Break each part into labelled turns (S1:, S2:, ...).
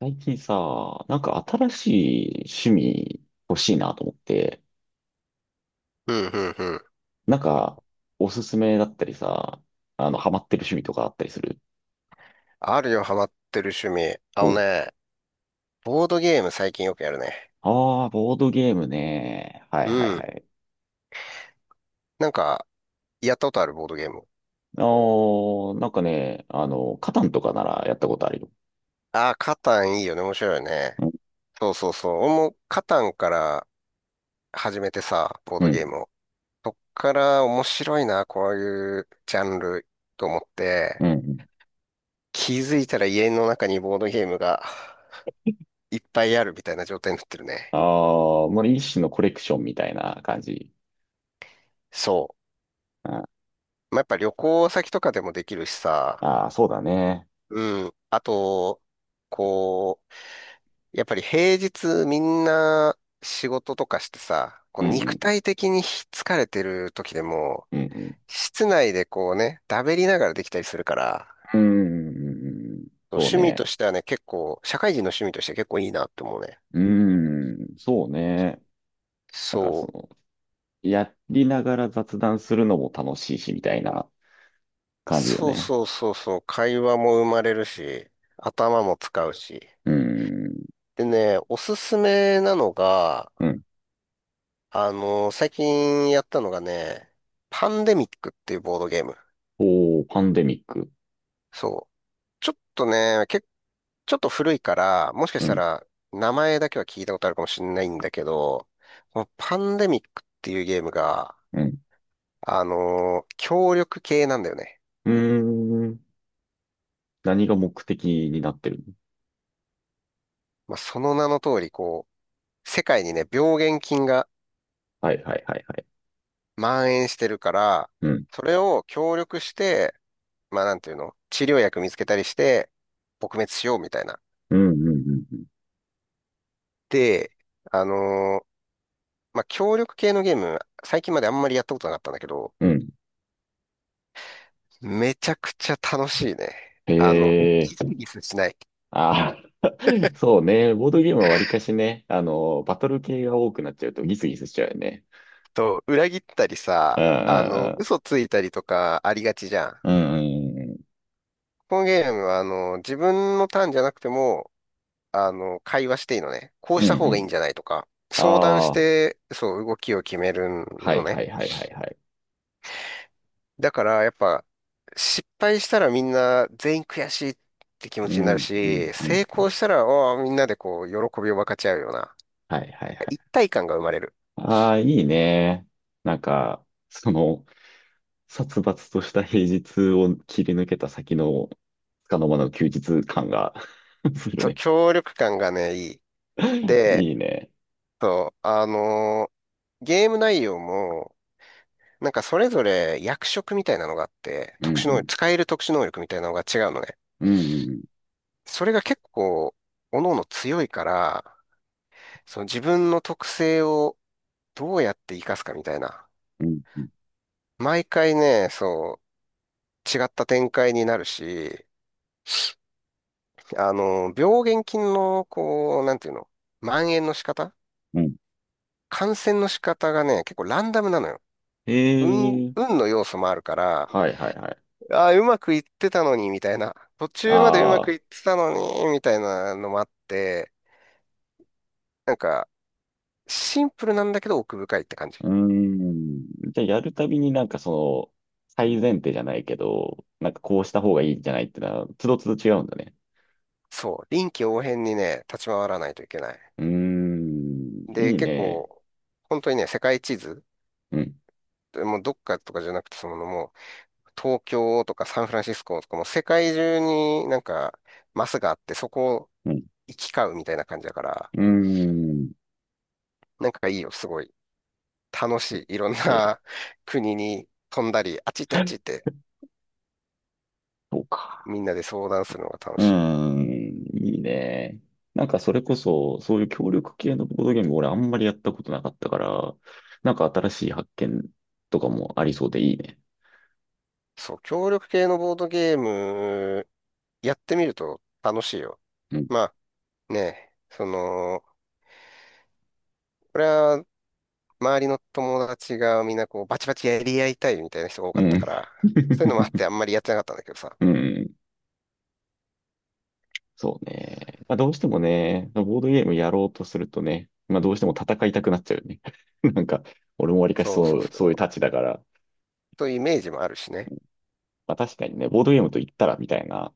S1: 最近さ、なんか新しい趣味欲しいなと思って、
S2: うんうんうん。
S1: なんかおすすめだったりさ、ハマってる趣味とかあったりする？
S2: あるよ、ハマってる趣味。あ
S1: お、
S2: のね、ボードゲーム最近よくやるね。
S1: ああー、ボードゲームね。はい
S2: う
S1: はいは
S2: ん。
S1: い。
S2: なんか、やったことあるボードゲーム？
S1: あー、なんかね、カタンとかならやったことあるよ。
S2: ああ、カタンいいよね。面白いよね。
S1: うん、
S2: そうそうそう。俺もカタンから始めてさ、ボー
S1: う
S2: ドゲ
S1: ん、
S2: ームを。そっから面白いな、こういうジャンルと思っ
S1: う
S2: て、
S1: ん。
S2: 気づいたら家の中にボードゲームがいっぱいあるみたいな状態になってる
S1: あ
S2: ね。
S1: あ、もう一種のコレクションみたいな感じ。
S2: そ
S1: あ
S2: う。まあ、やっぱ旅行先とかでもできるしさ、
S1: あー、そうだね。
S2: うん。あと、こう、やっぱり平日みんな仕事とかしてさ、こ
S1: う
S2: う肉
S1: ん、
S2: 体的に疲れてる時でも、
S1: うん、うん、
S2: 室内でこうね、だべりながらできたりするから、
S1: うん、うん、うんうんうん。そう
S2: 趣味と
S1: ね。
S2: してはね、結構、社会人の趣味として結構いいなって思うね。
S1: うーん、そうね。なんかそ
S2: そう。
S1: の、やりながら雑談するのも楽しいし、みたいな感じよ
S2: そう
S1: ね。
S2: そうそうそう。会話も生まれるし、頭も使うし。
S1: うーん。
S2: でね、おすすめなのが、
S1: うん。
S2: あの最近やったのがね、パンデミックっていうボードゲーム。
S1: おー、パンデミック。
S2: そう。ちょっとね、ちょっと古いから、もしか
S1: う
S2: した
S1: ん。
S2: ら名前だけは聞いたことあるかもしれないんだけど、このパンデミックっていうゲームが、
S1: うん。
S2: 協力系なんだよね。
S1: うーん。何が目的になってるの？
S2: まあ、その名の通り、こう、世界にね、病原菌が
S1: はいはいはいはい。
S2: 蔓延してるから、
S1: うん。
S2: それを協力して、まあ、なんていうの、治療薬見つけたりして、撲滅しようみたいな。
S1: うん、うん、うん、
S2: で、あのーまあ、協力系のゲーム、最近まであんまりやったことなかったんだけど、
S1: うん。うん。
S2: めちゃくちゃ楽しいね。
S1: へ
S2: ギス
S1: え。
S2: ギスしない。
S1: ああ、そうね。ボードゲームはわりかしね、バトル系が多くなっちゃうとギスギスしちゃうよね。
S2: と、裏切ったり
S1: うん
S2: さ、
S1: う
S2: 嘘ついたりとかありがちじゃん。
S1: んうん。うんうんうん。
S2: このゲームは、自分のターンじゃなくても、会話していいのね。こう
S1: う
S2: し
S1: んう
S2: た方がいいん
S1: ん。
S2: じゃないとか、相談し
S1: ああ、
S2: て、そう、動きを決める
S1: は
S2: の
S1: いは
S2: ね。
S1: いはいはいはい。
S2: だから、やっぱ、失敗したらみんな全員悔しいって気持
S1: う
S2: ちになる
S1: んうん
S2: し、
S1: うん。
S2: 成功したら、おーみんなでこう、喜びを分かち合うような、
S1: はいはいは
S2: 一
S1: い。
S2: 体感が生まれる。
S1: ああ、いいね。なんか、その、殺伐とした平日を切り抜けた先の、束の間の休日感が する
S2: そう、
S1: ね。
S2: 協力感がね、いい。で、
S1: いいね。
S2: そう、ゲーム内容も、なんかそれぞれ役職みたいなのがあって、
S1: う
S2: 特殊能力、
S1: ん
S2: 使える特殊能力みたいなのが違うのね。
S1: うん。うんうん
S2: それが結構、各々強いから、その自分の特性をどうやって活かすかみたいな。
S1: うんうん
S2: 毎回ね、そう、違った展開になるし、あの病原菌の、こう、なんていうの、蔓延の仕方
S1: うん。
S2: 感染の仕方がね、結構ランダムなのよ。
S1: え
S2: 運、
S1: えー。
S2: 運の要素もあるから、
S1: はいはいはい。
S2: ああ、うまくいってたのに、みたいな。途中までうまく
S1: あ
S2: い
S1: あ、
S2: ってたのに、みたいなのもあって、なんか、シンプルなんだけど奥深いって感じ。
S1: うーん。じゃあやるたびになんかその、最前提じゃないけど、なんかこうした方がいいんじゃないってのは、つどつど違うんだね。
S2: そう。臨機応変にね、立ち回らないといけない。
S1: うーん、い
S2: で、
S1: い
S2: 結
S1: ね。
S2: 構、本当にね、世界地図、
S1: うん、
S2: もうどっかとかじゃなくて、そのもう、東京とかサンフランシスコとかもう世界中になんか、マスがあって、そこを
S1: うん、
S2: 行き交うみたいな感じだから、
S1: うーん。
S2: なんかいいよ、すごい。楽しい。いろん
S1: はい。
S2: な 国に飛んだり、あっち行ってあっち行って
S1: そうか。
S2: みんなで相談するのが
S1: う
S2: 楽しい。
S1: ーん、いいね。なんかそれこそ、そういう協力系のボードゲーム、俺あんまりやったことなかったから、なんか新しい発見とかもありそうでいいね。
S2: そう、協力系のボードゲーム、やってみると楽しいよ。
S1: うん。
S2: まあね、これは周りの友達がみんなこうバチバチやり合いたいみたいな人が多かった
S1: う
S2: か
S1: ん。
S2: ら、そういうのもあっ てあんまりやってなかったんだけどさ。
S1: うん。そうね。まあ、どうしてもね、ボードゲームやろうとするとね、まあ、どうしても戦いたくなっちゃうよね。なんか、俺もわりかし
S2: そうそ
S1: そ
S2: う
S1: う、そういう
S2: そ
S1: たちだから、
S2: う。というイメージもあるしね。
S1: まあ、確かにね、ボードゲームと言ったらみたいな、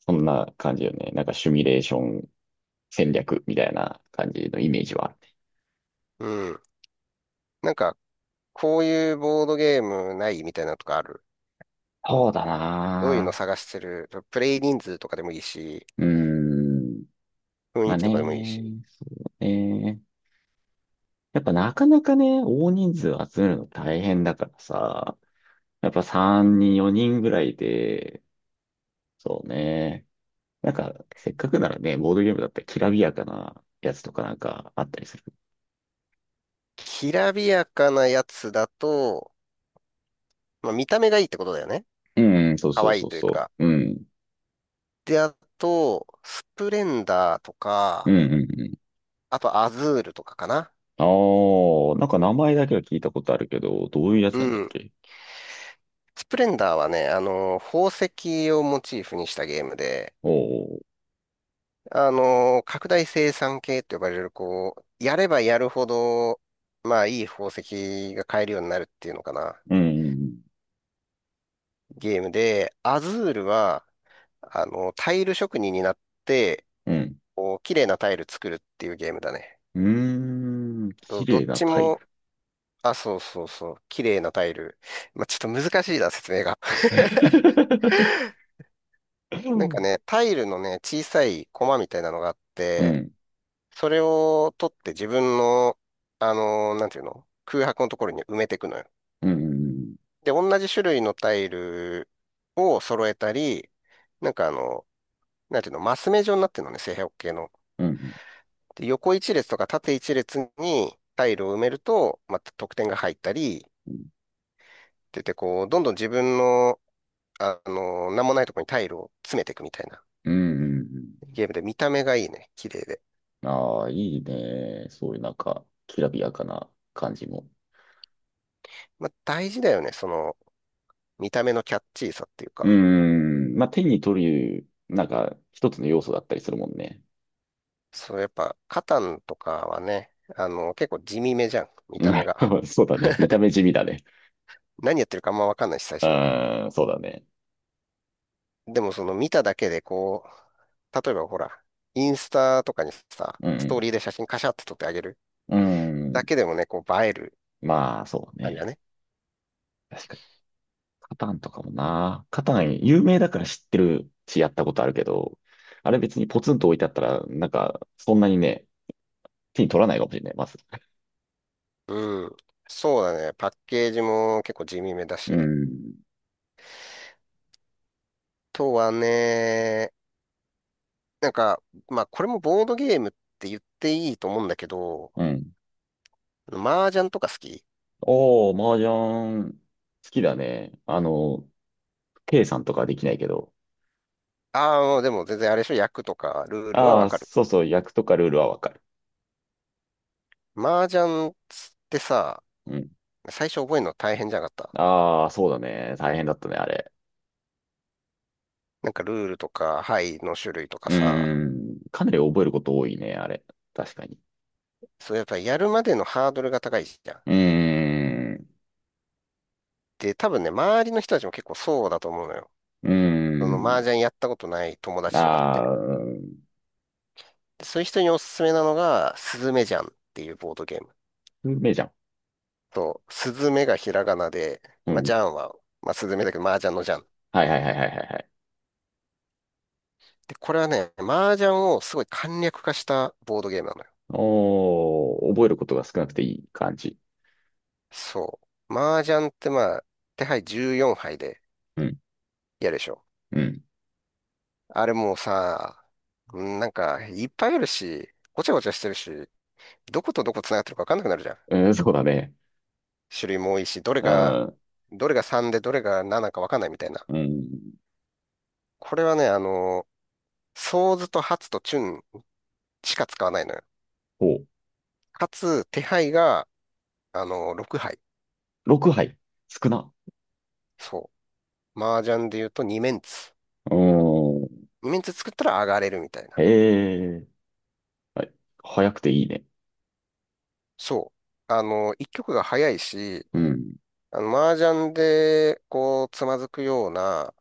S1: そんな感じよね。なんかシミュレーション戦略みたいな感じのイメージはあるね。
S2: うん。なんか、こういうボードゲームないみたいなのとかある？
S1: そうだ
S2: どういうの
S1: な
S2: 探してる？プレイ人数とかでもいいし、
S1: ぁ。うーん。
S2: 雰
S1: ま
S2: 囲
S1: あ
S2: 気と
S1: ね、
S2: かでもいいし。
S1: そうね。やっぱなかなかね、大人数集めるの大変だからさ、やっぱ3人、4人ぐらいで、そうね。なんか、せっかくならね、ボードゲームだったらきらびやかなやつとかなんかあったりする？
S2: きらびやかなやつだと、まあ、見た目がいいってことだよね。
S1: うん、そう
S2: 可
S1: そう
S2: 愛い
S1: そう
S2: という
S1: そ
S2: か。
S1: う。うん。
S2: で、あと、スプレンダーと
S1: う
S2: か、
S1: ん、うん、うん。
S2: あとアズールとかかな。
S1: ああ、なんか名前だけは聞いたことあるけど、どういうやつ
S2: う
S1: なんだっ
S2: ん。
S1: け？
S2: スプレンダーはね、宝石をモチーフにしたゲームで、
S1: おおー、
S2: 拡大生産系って呼ばれる、こう、やればやるほど、まあ、いい宝石が買えるようになるっていうのかな。
S1: うん、
S2: ゲームで、アズールは、タイル職人になって、
S1: うん、
S2: こう、綺麗なタイル作るっていうゲームだね。
S1: うん。うーん、
S2: そ
S1: 綺
S2: うどっ
S1: 麗な
S2: ち
S1: タイ
S2: も、
S1: ル。
S2: あ、そうそうそう。綺麗なタイル。まあ、ちょっと難しいな、説明が。
S1: う
S2: なんか
S1: ん。
S2: ね、タイルのね、小さいコマみたいなのがあっ
S1: う
S2: て、
S1: ん、
S2: それを取って自分の、なんていうの空白のところに埋めていくのよ。
S1: うん、
S2: で、同じ種類のタイルを揃えたり、なんかなんていうの、マス目状になってるのね、正方形の。
S1: うん、
S2: で、横一列とか縦一列にタイルを埋めると、また得点が入ったり、って言って、こう、どんどん自分のなんもないとこにタイルを詰めていくみたいな
S1: うん。
S2: ゲームで見た目がいいね。綺麗で。
S1: ああー、いいね。そういうなんか、きらびやかな感じも。
S2: まあ、大事だよね。見た目のキャッチーさっていう
S1: うー
S2: か。
S1: ん、まあ、手に取る、なんか、一つの要素だったりするもんね。
S2: そう、やっぱ、カタンとかはね、結構地味めじゃん。見
S1: う
S2: た目が。
S1: ん。 そうだね。見た目地味だね。
S2: 何やってるかあんまわかんないし、最
S1: う
S2: 初。
S1: ーん、そうだね。
S2: でもその見ただけでこう、例えばほら、インスタとかにさ、
S1: う
S2: ストー
S1: ん、
S2: リーで写真カシャって撮ってあげる
S1: う
S2: だ
S1: ん。
S2: けでもね、こう映える
S1: まあ、そう
S2: 感じ
S1: ね。
S2: だね。
S1: 確かに。カタンとかもな。カタン有名だから知ってるし、やったことあるけど、あれ別にポツンと置いてあったら、なんか、そんなにね、手に取らないかもしれない、まず。
S2: うん。そうだね。パッケージも結構地味めだ
S1: う
S2: し。
S1: ん。
S2: あとはね、なんか、まあ、これもボードゲームって言っていいと思うんだけど、
S1: うん。
S2: 麻雀とか好き？
S1: おー、麻雀、好きだね。計算とかはできないけど。
S2: ああー、でも全然あれでしょ、役とかルールは
S1: あ
S2: わ
S1: あ、
S2: かる。
S1: そうそう、役とかルールはわかる。
S2: 麻雀ってさ、
S1: うん。
S2: 最初覚えるの大変じゃなかった？
S1: ああ、そうだね。大変だったね、あれ。
S2: なんかルールとか、牌の種類とか
S1: う
S2: さ、
S1: ーん。かなり覚えること多いね、あれ。確かに。
S2: そうやっぱやるまでのハードルが高いじゃん。
S1: うーん。
S2: で、多分ね、周りの人たちも結構そうだと思うのよ。
S1: うー
S2: その
S1: ん。
S2: 麻雀やったことない友達とかって。
S1: ああ、うん。
S2: でそういう人におすすめなのが、スズメジャンっていうボードゲーム。
S1: じゃん。
S2: と、スズメがひらがなで、
S1: う
S2: まあ、
S1: ん。
S2: ジャンは、まあ、スズメだけど、麻雀のジャン。
S1: はいはいはいはいはいはい。
S2: で、これはね、麻雀をすごい簡略化したボードゲームなのよ。
S1: おー、覚えることが少なくていい感じ。
S2: そう。麻雀ってまあ、手牌14牌で
S1: うん、
S2: やるでしょ。
S1: うん。
S2: あれもうさ、うんなんか、いっぱいあるし、ごちゃごちゃしてるし、どことどこ繋がってるか分かんなくなるじゃん。
S1: うん、そうだね。
S2: 種類も多いし、どれ
S1: う
S2: が、
S1: ん、
S2: どれが3でどれが7か分かんないみたいな。
S1: うん。
S2: これはね、ソーズとハツとチュンしか使わないのよ。
S1: ほう。
S2: かつ、手配が6杯。
S1: 6杯。少な。
S2: そう。麻雀で言うと2メンツ。
S1: うーん。
S2: 2メンツ作ったら上がれるみたい
S1: え
S2: な。
S1: え。はい。早くていいね。
S2: そう。1局が早いし、
S1: うん、
S2: 麻雀で、こう、つまずくような、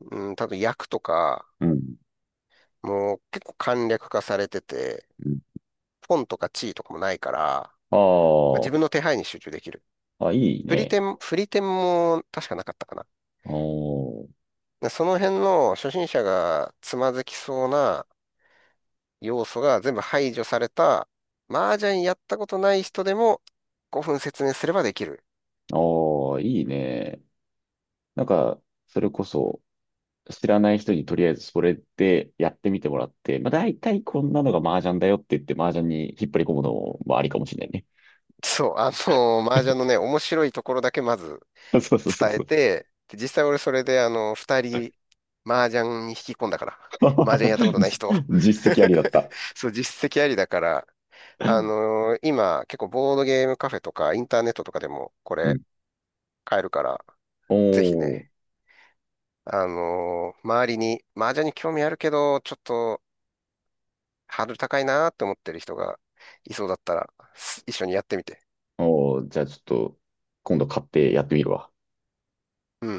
S2: うん、多分役とか、
S1: うん、
S2: もう結構簡略化されてて、
S1: うん。
S2: ポンとか地位とかもないから、
S1: あ
S2: まあ、自
S1: ー。
S2: 分の手配に集中できる。
S1: あ、いい
S2: 振り
S1: ね。
S2: 点、振り点も確かなかったかな。
S1: おー、
S2: でその辺の初心者がつまずきそうな要素が全部排除された、麻雀やったことない人でも5分説明すればできる。
S1: あーいいね。なんか、それこそ、知らない人にとりあえずそれでやってみてもらって、まあ大体こんなのが麻雀だよって言って麻雀に引っ張り込むのもありかもしれないね。
S2: そう、麻雀の ね、面白いところだけまず
S1: そうそうそう
S2: 伝え
S1: そう。
S2: て、で実際俺それで二人、麻雀に引き込んだから。麻雀やったこと ない
S1: じ、
S2: 人。
S1: 実績ありだっ た？
S2: そう、実績ありだから、今結構ボードゲームカフェとかインターネットとかでもこ
S1: うん。
S2: れ買えるから、ぜひ
S1: お
S2: ね、
S1: ー、
S2: 周りに麻雀に興味あるけど、ちょっとハードル高いなーって思ってる人がいそうだったら、一緒にやってみて。
S1: おー、じゃあちょっと今度買ってやってみるわ。
S2: うん